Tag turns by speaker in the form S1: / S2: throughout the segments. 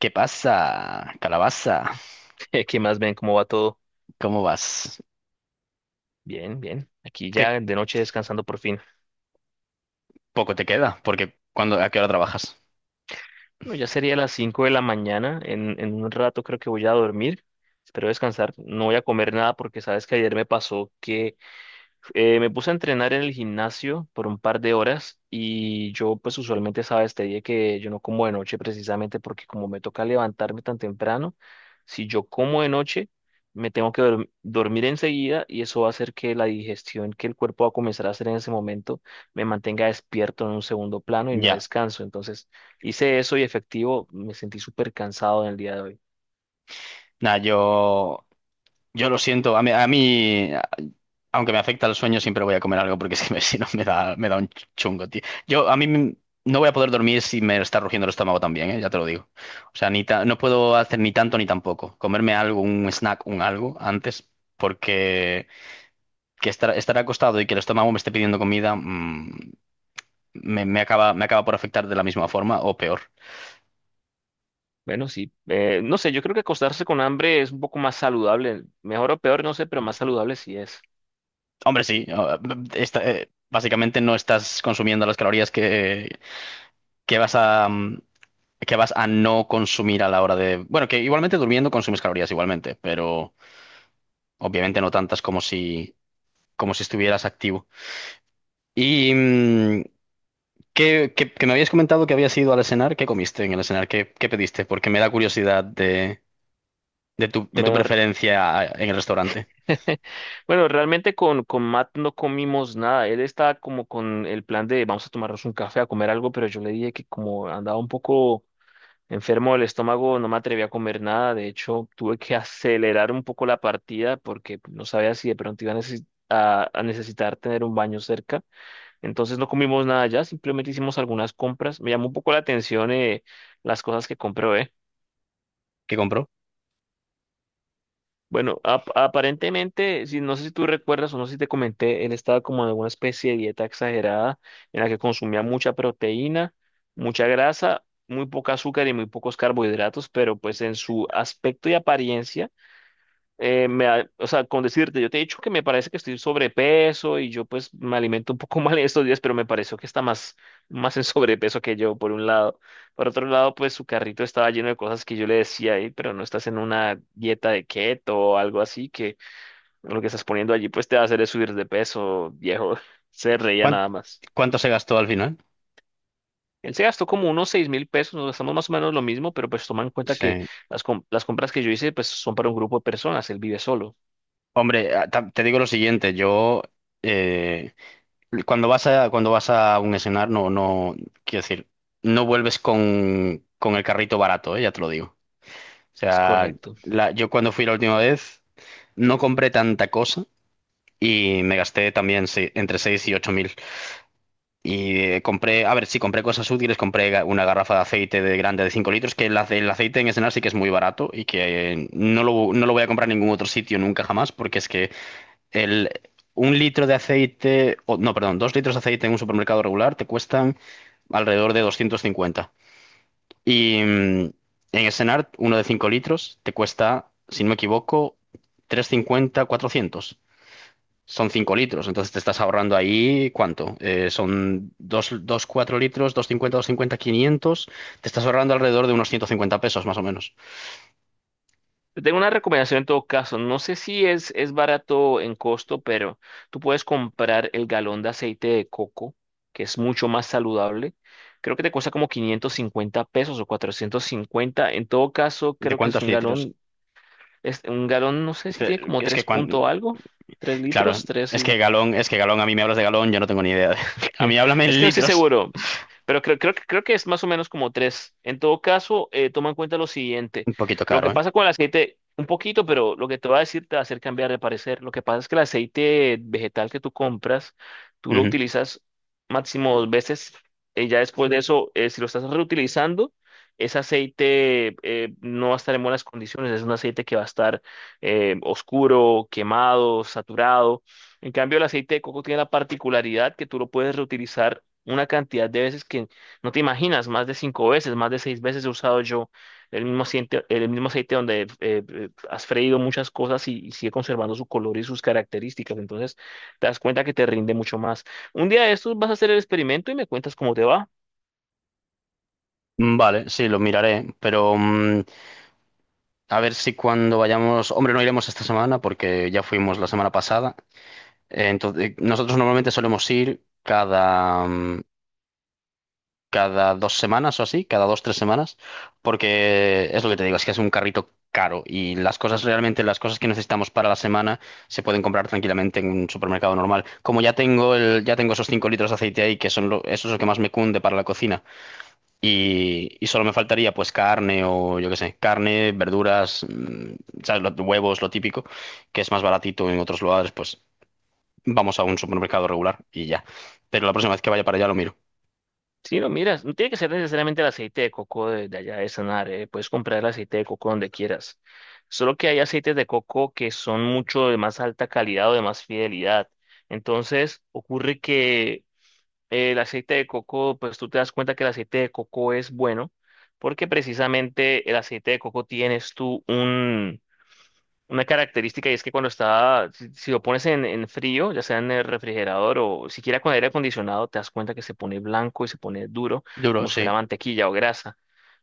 S1: ¿Qué pasa, calabaza?
S2: ¿Qué más ven? ¿Cómo va todo?
S1: ¿Cómo vas?
S2: Bien, bien. Aquí
S1: ¿Qué
S2: ya de noche descansando por fin.
S1: poco te queda? Porque cuando, ¿a qué hora trabajas?
S2: Bueno, ya sería las 5 de la mañana. En un rato creo que voy a dormir. Espero descansar. No voy a comer nada porque sabes que ayer me pasó que me puse a entrenar en el gimnasio por un par de horas y yo pues usualmente sabes, te dije que yo no como de noche precisamente porque como me toca levantarme tan temprano, si yo como de noche me tengo que dormir enseguida y eso va a hacer que la digestión que el cuerpo va a comenzar a hacer en ese momento me mantenga despierto en un segundo plano y no
S1: Ya.
S2: descanso. Entonces hice eso y efectivo, me sentí súper cansado en el día de hoy.
S1: Nada, yo lo siento. A mí, aunque me afecta el sueño, siempre voy a comer algo porque es que me- si no me da, me da un chungo, tío. Yo, a mí m- no voy a poder dormir si me está rugiendo el estómago también, ¿eh? Ya te lo digo. O sea, ni ta- no puedo hacer ni tanto ni tampoco. Comerme algo, un snack, un algo antes, porque que estar, estar acostado y que el estómago me esté pidiendo comida, me, me acaba por afectar de la misma forma o peor.
S2: Bueno, sí. No sé, yo creo que acostarse con hambre es un poco más saludable. Mejor o peor, no sé, pero más saludable sí es.
S1: Hombre, sí, o- esta- básicamente no estás consumiendo las calorías que vas a, que vas a no consumir a la hora de... Bueno, que igualmente durmiendo consumes calorías igualmente, pero obviamente no tantas como si estuvieras activo. Y ¿qué, qué- que me habías comentado que habías ido al escenar, ¿qué comiste en el escenar? ¿Qué, qué pediste? Porque me da curiosidad de tu
S2: Mejor.
S1: preferencia en el restaurante.
S2: Bueno, realmente con Matt no comimos nada. Él estaba como con el plan de vamos a tomarnos un café, a comer algo, pero yo le dije que como andaba un poco enfermo del estómago, no me atreví a comer nada. De hecho, tuve que acelerar un poco la partida porque no sabía si de pronto iba a necesitar tener un baño cerca. Entonces no comimos nada allá, simplemente hicimos algunas compras. Me llamó un poco la atención las cosas que compró, ¿eh?
S1: ¿Qué compró?
S2: Bueno, aparentemente, si, no sé si tú recuerdas o no sé si te comenté, él estaba como en alguna especie de dieta exagerada en la que consumía mucha proteína, mucha grasa, muy poca azúcar y muy pocos carbohidratos, pero pues en su aspecto y apariencia o sea, con decirte, yo te he dicho que me parece que estoy sobrepeso y yo pues me alimento un poco mal en estos días, pero me pareció que está más en sobrepeso que yo, por un lado. Por otro lado, pues su carrito estaba lleno de cosas que yo le decía, "Ey, pero no estás en una dieta de keto o algo así, que lo que estás poniendo allí pues te va a hacer es subir de peso, viejo". Se reía
S1: ¿Cuán-
S2: nada más.
S1: ¿Cuánto se gastó al final?
S2: Él se gastó como unos 6000 pesos, nos gastamos más o menos lo mismo, pero pues toma en cuenta que
S1: Sí.
S2: las compras que yo hice pues son para un grupo de personas, él vive solo.
S1: Hombre, a- ta- te digo lo siguiente, yo eh, cuando vas a un escenario, no quiero decir, no vuelves con el carrito barato, ya te lo digo. O
S2: Es
S1: sea,
S2: correcto.
S1: la- yo cuando fui la última vez no compré tanta cosa y me gasté también se- entre 6 y 8 mil. Y compré, a ver, sí, compré cosas útiles, compré ga- una garrafa de aceite de grande de 5 litros, que el, ace- el aceite en escenario sí que es muy barato y que no lo, no lo voy a comprar en ningún otro sitio nunca jamás, porque es que el, un litro de aceite, o, no, perdón, dos litros de aceite en un supermercado regular te cuestan alrededor de 250. Y en Essenart, uno de 5 litros te cuesta, si no me equivoco, 350 400. Son 5 litros, entonces te estás ahorrando ahí, ¿cuánto? Son dos 4 litros, 250, cincuenta quinientos. Te estás ahorrando alrededor de unos 150 pesos más o menos.
S2: Te tengo una recomendación en todo caso. No sé si es barato en costo, pero tú puedes comprar el galón de aceite de coco, que es mucho más saludable. Creo que te cuesta como 550 pesos o 450. En todo caso,
S1: ¿De
S2: creo que es
S1: cuántos
S2: un
S1: litros?
S2: galón. Es un galón, no sé si tiene
S1: Fe-
S2: como
S1: Es
S2: 3
S1: que cuando,
S2: punto algo, 3
S1: claro,
S2: litros, 3.
S1: es que galón, a mí me hablas de galón, yo no tengo ni idea de- A mí háblame
S2: Es
S1: en
S2: que no estoy
S1: litros.
S2: seguro, pero creo que es más o menos como tres. En todo caso, toma en cuenta lo siguiente.
S1: Un poquito
S2: Lo que
S1: caro, ¿eh?
S2: pasa con el aceite, un poquito, pero lo que te va a decir te va a hacer cambiar de parecer. Lo que pasa es que el aceite vegetal que tú compras, tú lo
S1: Ujú.
S2: utilizas máximo dos veces. Ya después de eso, si lo estás reutilizando, ese aceite no va a estar en buenas condiciones. Es un aceite que va a estar oscuro, quemado, saturado. En cambio, el aceite de coco tiene la particularidad que tú lo puedes reutilizar una cantidad de veces que no te imaginas, más de cinco veces, más de seis veces he usado yo el mismo aceite donde has freído muchas cosas y sigue conservando su color y sus características. Entonces, te das cuenta que te rinde mucho más. Un día de estos vas a hacer el experimento y me cuentas cómo te va.
S1: Vale, sí, lo miraré, pero a ver si cuando vayamos... Hombre, no iremos esta semana porque ya fuimos la semana pasada. Entonces, nosotros normalmente solemos ir cada... cada dos semanas o así, cada dos, tres semanas, porque es lo que te digo, es que es un carrito caro y las cosas realmente, las cosas que necesitamos para la semana se pueden comprar tranquilamente en un supermercado normal. Como ya tengo el, ya tengo esos 5 litros de aceite ahí, que son lo, eso es lo que más me cunde para la cocina, y solo me faltaría pues carne o yo qué sé, carne, verduras, ¿sabes? Lo- huevos, lo típico, que es más baratito en otros lugares, pues vamos a un supermercado regular y ya. Pero la próxima vez que vaya para allá lo miro.
S2: Sí, lo miras, no tiene que ser necesariamente el aceite de coco de allá de Sanar, puedes comprar el aceite de coco donde quieras. Solo que hay aceites de coco que son mucho de más alta calidad o de más fidelidad. Entonces, ocurre que el aceite de coco, pues tú te das cuenta que el aceite de coco es bueno, porque precisamente el aceite de coco tienes tú una característica y es que cuando está, si lo pones en frío, ya sea en el refrigerador o siquiera con aire acondicionado, te das cuenta que se pone blanco y se pone duro,
S1: Duro,
S2: como si fuera
S1: sí.
S2: mantequilla o grasa.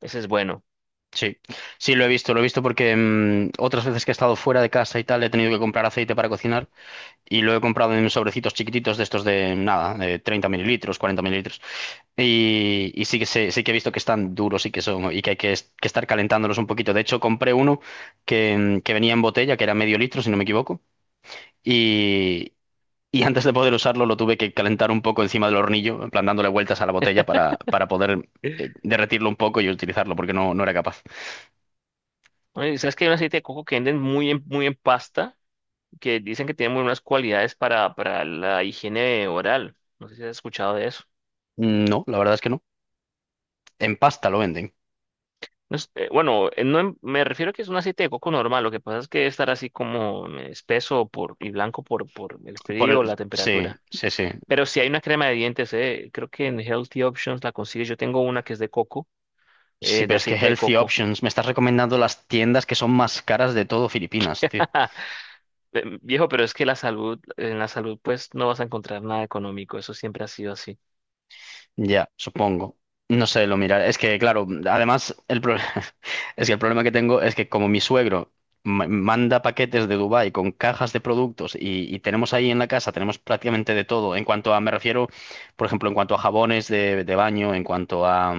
S2: Ese es bueno.
S1: Sí, sí, lo he visto porque otras veces que he estado fuera de casa y tal, he tenido que comprar aceite para cocinar y lo he comprado en sobrecitos chiquititos de estos de nada, de 30 ml, 40 ml. Y sí que sé- sí que he visto que están duros y que son, y que hay que, es- que estar calentándolos un poquito. De hecho, compré uno que, que venía en botella, que era medio litro, si no me equivoco, y, y antes de poder usarlo lo tuve que calentar un poco encima del hornillo, en plan dándole vueltas a la botella para poder derretirlo un poco y utilizarlo, porque no, no era capaz.
S2: Oye, ¿sabes que hay un aceite de coco que venden muy en pasta? Que dicen que tiene muy buenas cualidades para la higiene oral. No sé si has escuchado de eso.
S1: No, la verdad es que no. En pasta lo venden.
S2: Bueno, no em- me refiero a que es un aceite de coco normal. Lo que pasa es que estará así como espeso por, y blanco por el
S1: Por
S2: frío o
S1: el...
S2: la
S1: Sí,
S2: temperatura.
S1: sí, sí.
S2: Pero si hay una crema de dientes, creo que en Healthy Options la consigues. Yo tengo una que es de coco,
S1: Sí,
S2: de
S1: pero es que
S2: aceite de
S1: Healthy
S2: coco.
S1: Options me estás recomendando las tiendas que son más caras de todo Filipinas, tío.
S2: Viejo, pero es que la salud, en la salud, pues no vas a encontrar nada económico. Eso siempre ha sido así.
S1: Ya, supongo. No sé, lo miraré. Es que, claro, además, el pro- es que el problema que tengo es que como mi suegro ma- manda paquetes de Dubái con cajas de productos y tenemos ahí en la casa, tenemos prácticamente de todo. En cuanto a, me refiero, por ejemplo, en cuanto a jabones de baño,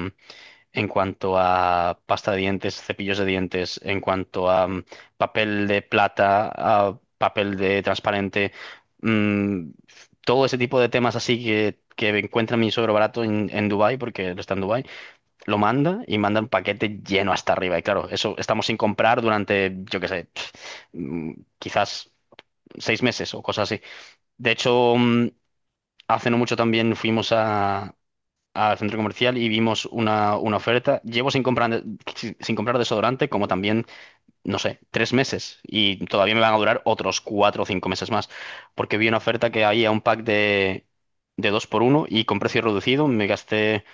S1: en cuanto a pasta de dientes, cepillos de dientes, en cuanto a papel de plata, a papel de transparente, mm, todo ese tipo de temas así que encuentra mi suegro barato en Dubái, porque él está en Dubái, lo manda y manda un paquete lleno hasta arriba. Y claro, eso estamos sin comprar durante, yo qué sé, pf, mm, quizás seis meses o cosas así. De hecho, hace no mucho también fuimos a, al centro comercial y vimos una oferta. Llevo sin comprar, sin comprar desodorante como también, no sé, tres meses y todavía me van a durar otros cuatro o cinco meses más porque vi una oferta que había un pack de dos por uno y con precio reducido me gasté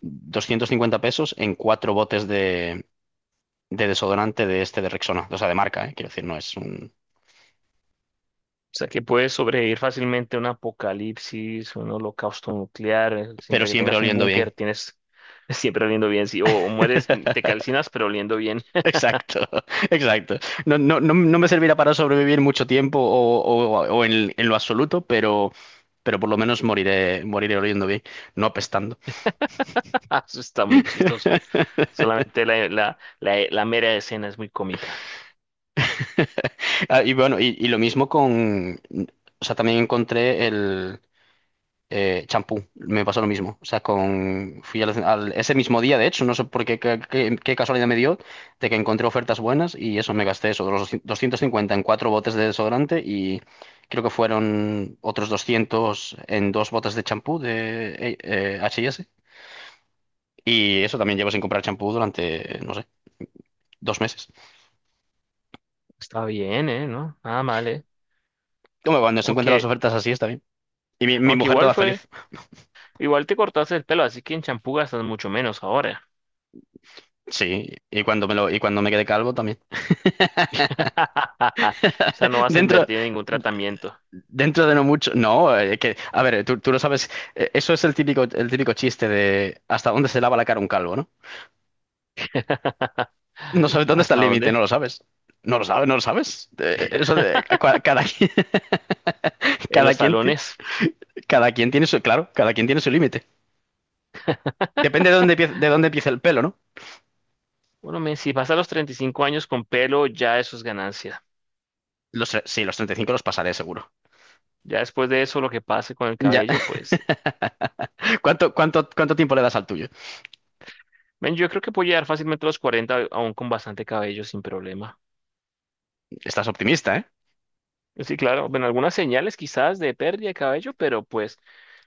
S1: 250 pesos en cuatro botes de desodorante de este de Rexona, o sea, de marca, quiero decir, no es un...
S2: O sea, que puedes sobrevivir fácilmente a un apocalipsis, un holocausto nuclear.
S1: pero
S2: Siempre que
S1: siempre
S2: tengas un
S1: oliendo
S2: búnker,
S1: bien.
S2: tienes siempre oliendo bien. Sí, o mueres, te calcinas, pero oliendo bien.
S1: Exacto, exacto. No, no, no, no me servirá para sobrevivir mucho tiempo o en lo absoluto, pero por lo menos moriré, moriré oliendo bien, no apestando.
S2: Eso está muy chistoso. Solamente la mera escena es muy cómica.
S1: Ah, y bueno, y lo mismo con, o sea, también encontré el, champú, me pasó lo mismo. O sea, con, fui al, al- ese mismo día, de hecho, no sé por qué, qué, qué- qué casualidad me dio, de que encontré ofertas buenas y eso, me gasté eso, los 250 en cuatro botes de desodorante y creo que fueron otros 200 en dos botes de champú de H&S. Y eso también llevo sin comprar champú durante, no sé, dos meses.
S2: Está bien, ¿eh? ¿No? Nada mal, ¿eh?
S1: Como cuando se encuentran las
S2: Aunque,
S1: ofertas así, está bien. Y mi
S2: aunque
S1: mujer toda feliz.
S2: igual te cortaste el pelo, así que en champú gastas mucho menos ahora.
S1: Sí, y cuando me lo, y cuando me quedé calvo también.
S2: O sea, no vas a
S1: Dentro.
S2: invertir en ningún tratamiento.
S1: Dentro de no mucho, no, que, a ver, tú lo sabes, eso es el típico chiste de hasta dónde se lava la cara un calvo, ¿no? No sabes dónde está el
S2: ¿Hasta
S1: límite, no
S2: dónde?
S1: lo sabes. No lo sabes, no lo sabes. Eso de cua- cada, quien-
S2: En
S1: cada
S2: los
S1: quien, ti-
S2: talones.
S1: cada quien tiene su, claro, cada quien tiene su límite. Depende de dónde, empie- de dónde empiece el pelo, ¿no?
S2: Bueno, men, si vas a los 35 años con pelo, ya eso es ganancia.
S1: Los, tre- sí, los 35 los pasaré seguro.
S2: Ya después de eso, lo que pase con el
S1: Ya.
S2: cabello, pues,
S1: ¿Cuánto, cuánto, cuánto tiempo le das al tuyo?
S2: men, yo creo que puedo llegar fácilmente a los 40 aún con bastante cabello sin problema.
S1: Estás optimista, ¿eh?
S2: Sí, claro, ven algunas señales quizás de pérdida de cabello, pero pues,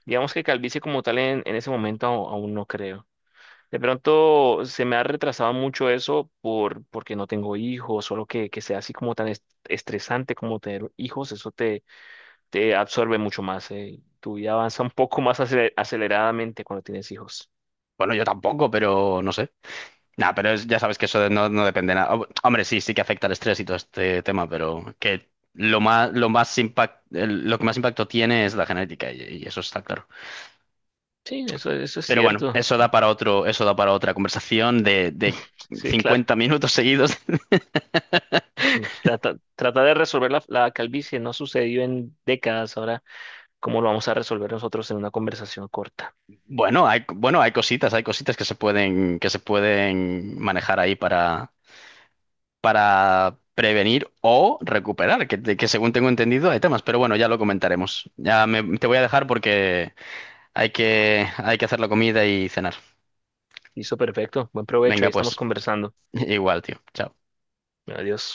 S2: digamos que calvicie como tal en ese momento aún no creo. De pronto se me ha retrasado mucho eso porque no tengo hijos, solo que sea así como tan estresante como tener hijos, eso te absorbe mucho más. Tu vida avanza un poco más aceleradamente cuando tienes hijos.
S1: Bueno, yo tampoco, pero no sé. No, pero es- ya sabes que eso no, no depende nada. Hom- Hombre, sí, sí que afecta el estrés y todo este tema, pero que lo más impact, el- lo que más impacto tiene es la genética y eso está claro.
S2: Sí, eso es
S1: Pero bueno,
S2: cierto.
S1: eso da para otro, eso da para otra conversación de
S2: Sí, claro.
S1: 50 minutos seguidos.
S2: Sí. Tratar de resolver la calvicie no ha sucedido en décadas. Ahora, ¿cómo lo vamos a resolver nosotros en una conversación corta?
S1: Bueno, hay cositas que se pueden manejar ahí para prevenir o recuperar, que según tengo entendido hay temas, pero bueno, ya lo comentaremos. Ya me- te voy a dejar porque hay que, hay que hacer la comida y cenar.
S2: Listo, perfecto. Buen provecho. Ahí
S1: Venga,
S2: estamos
S1: pues,
S2: conversando.
S1: igual, tío. Chao.
S2: Adiós.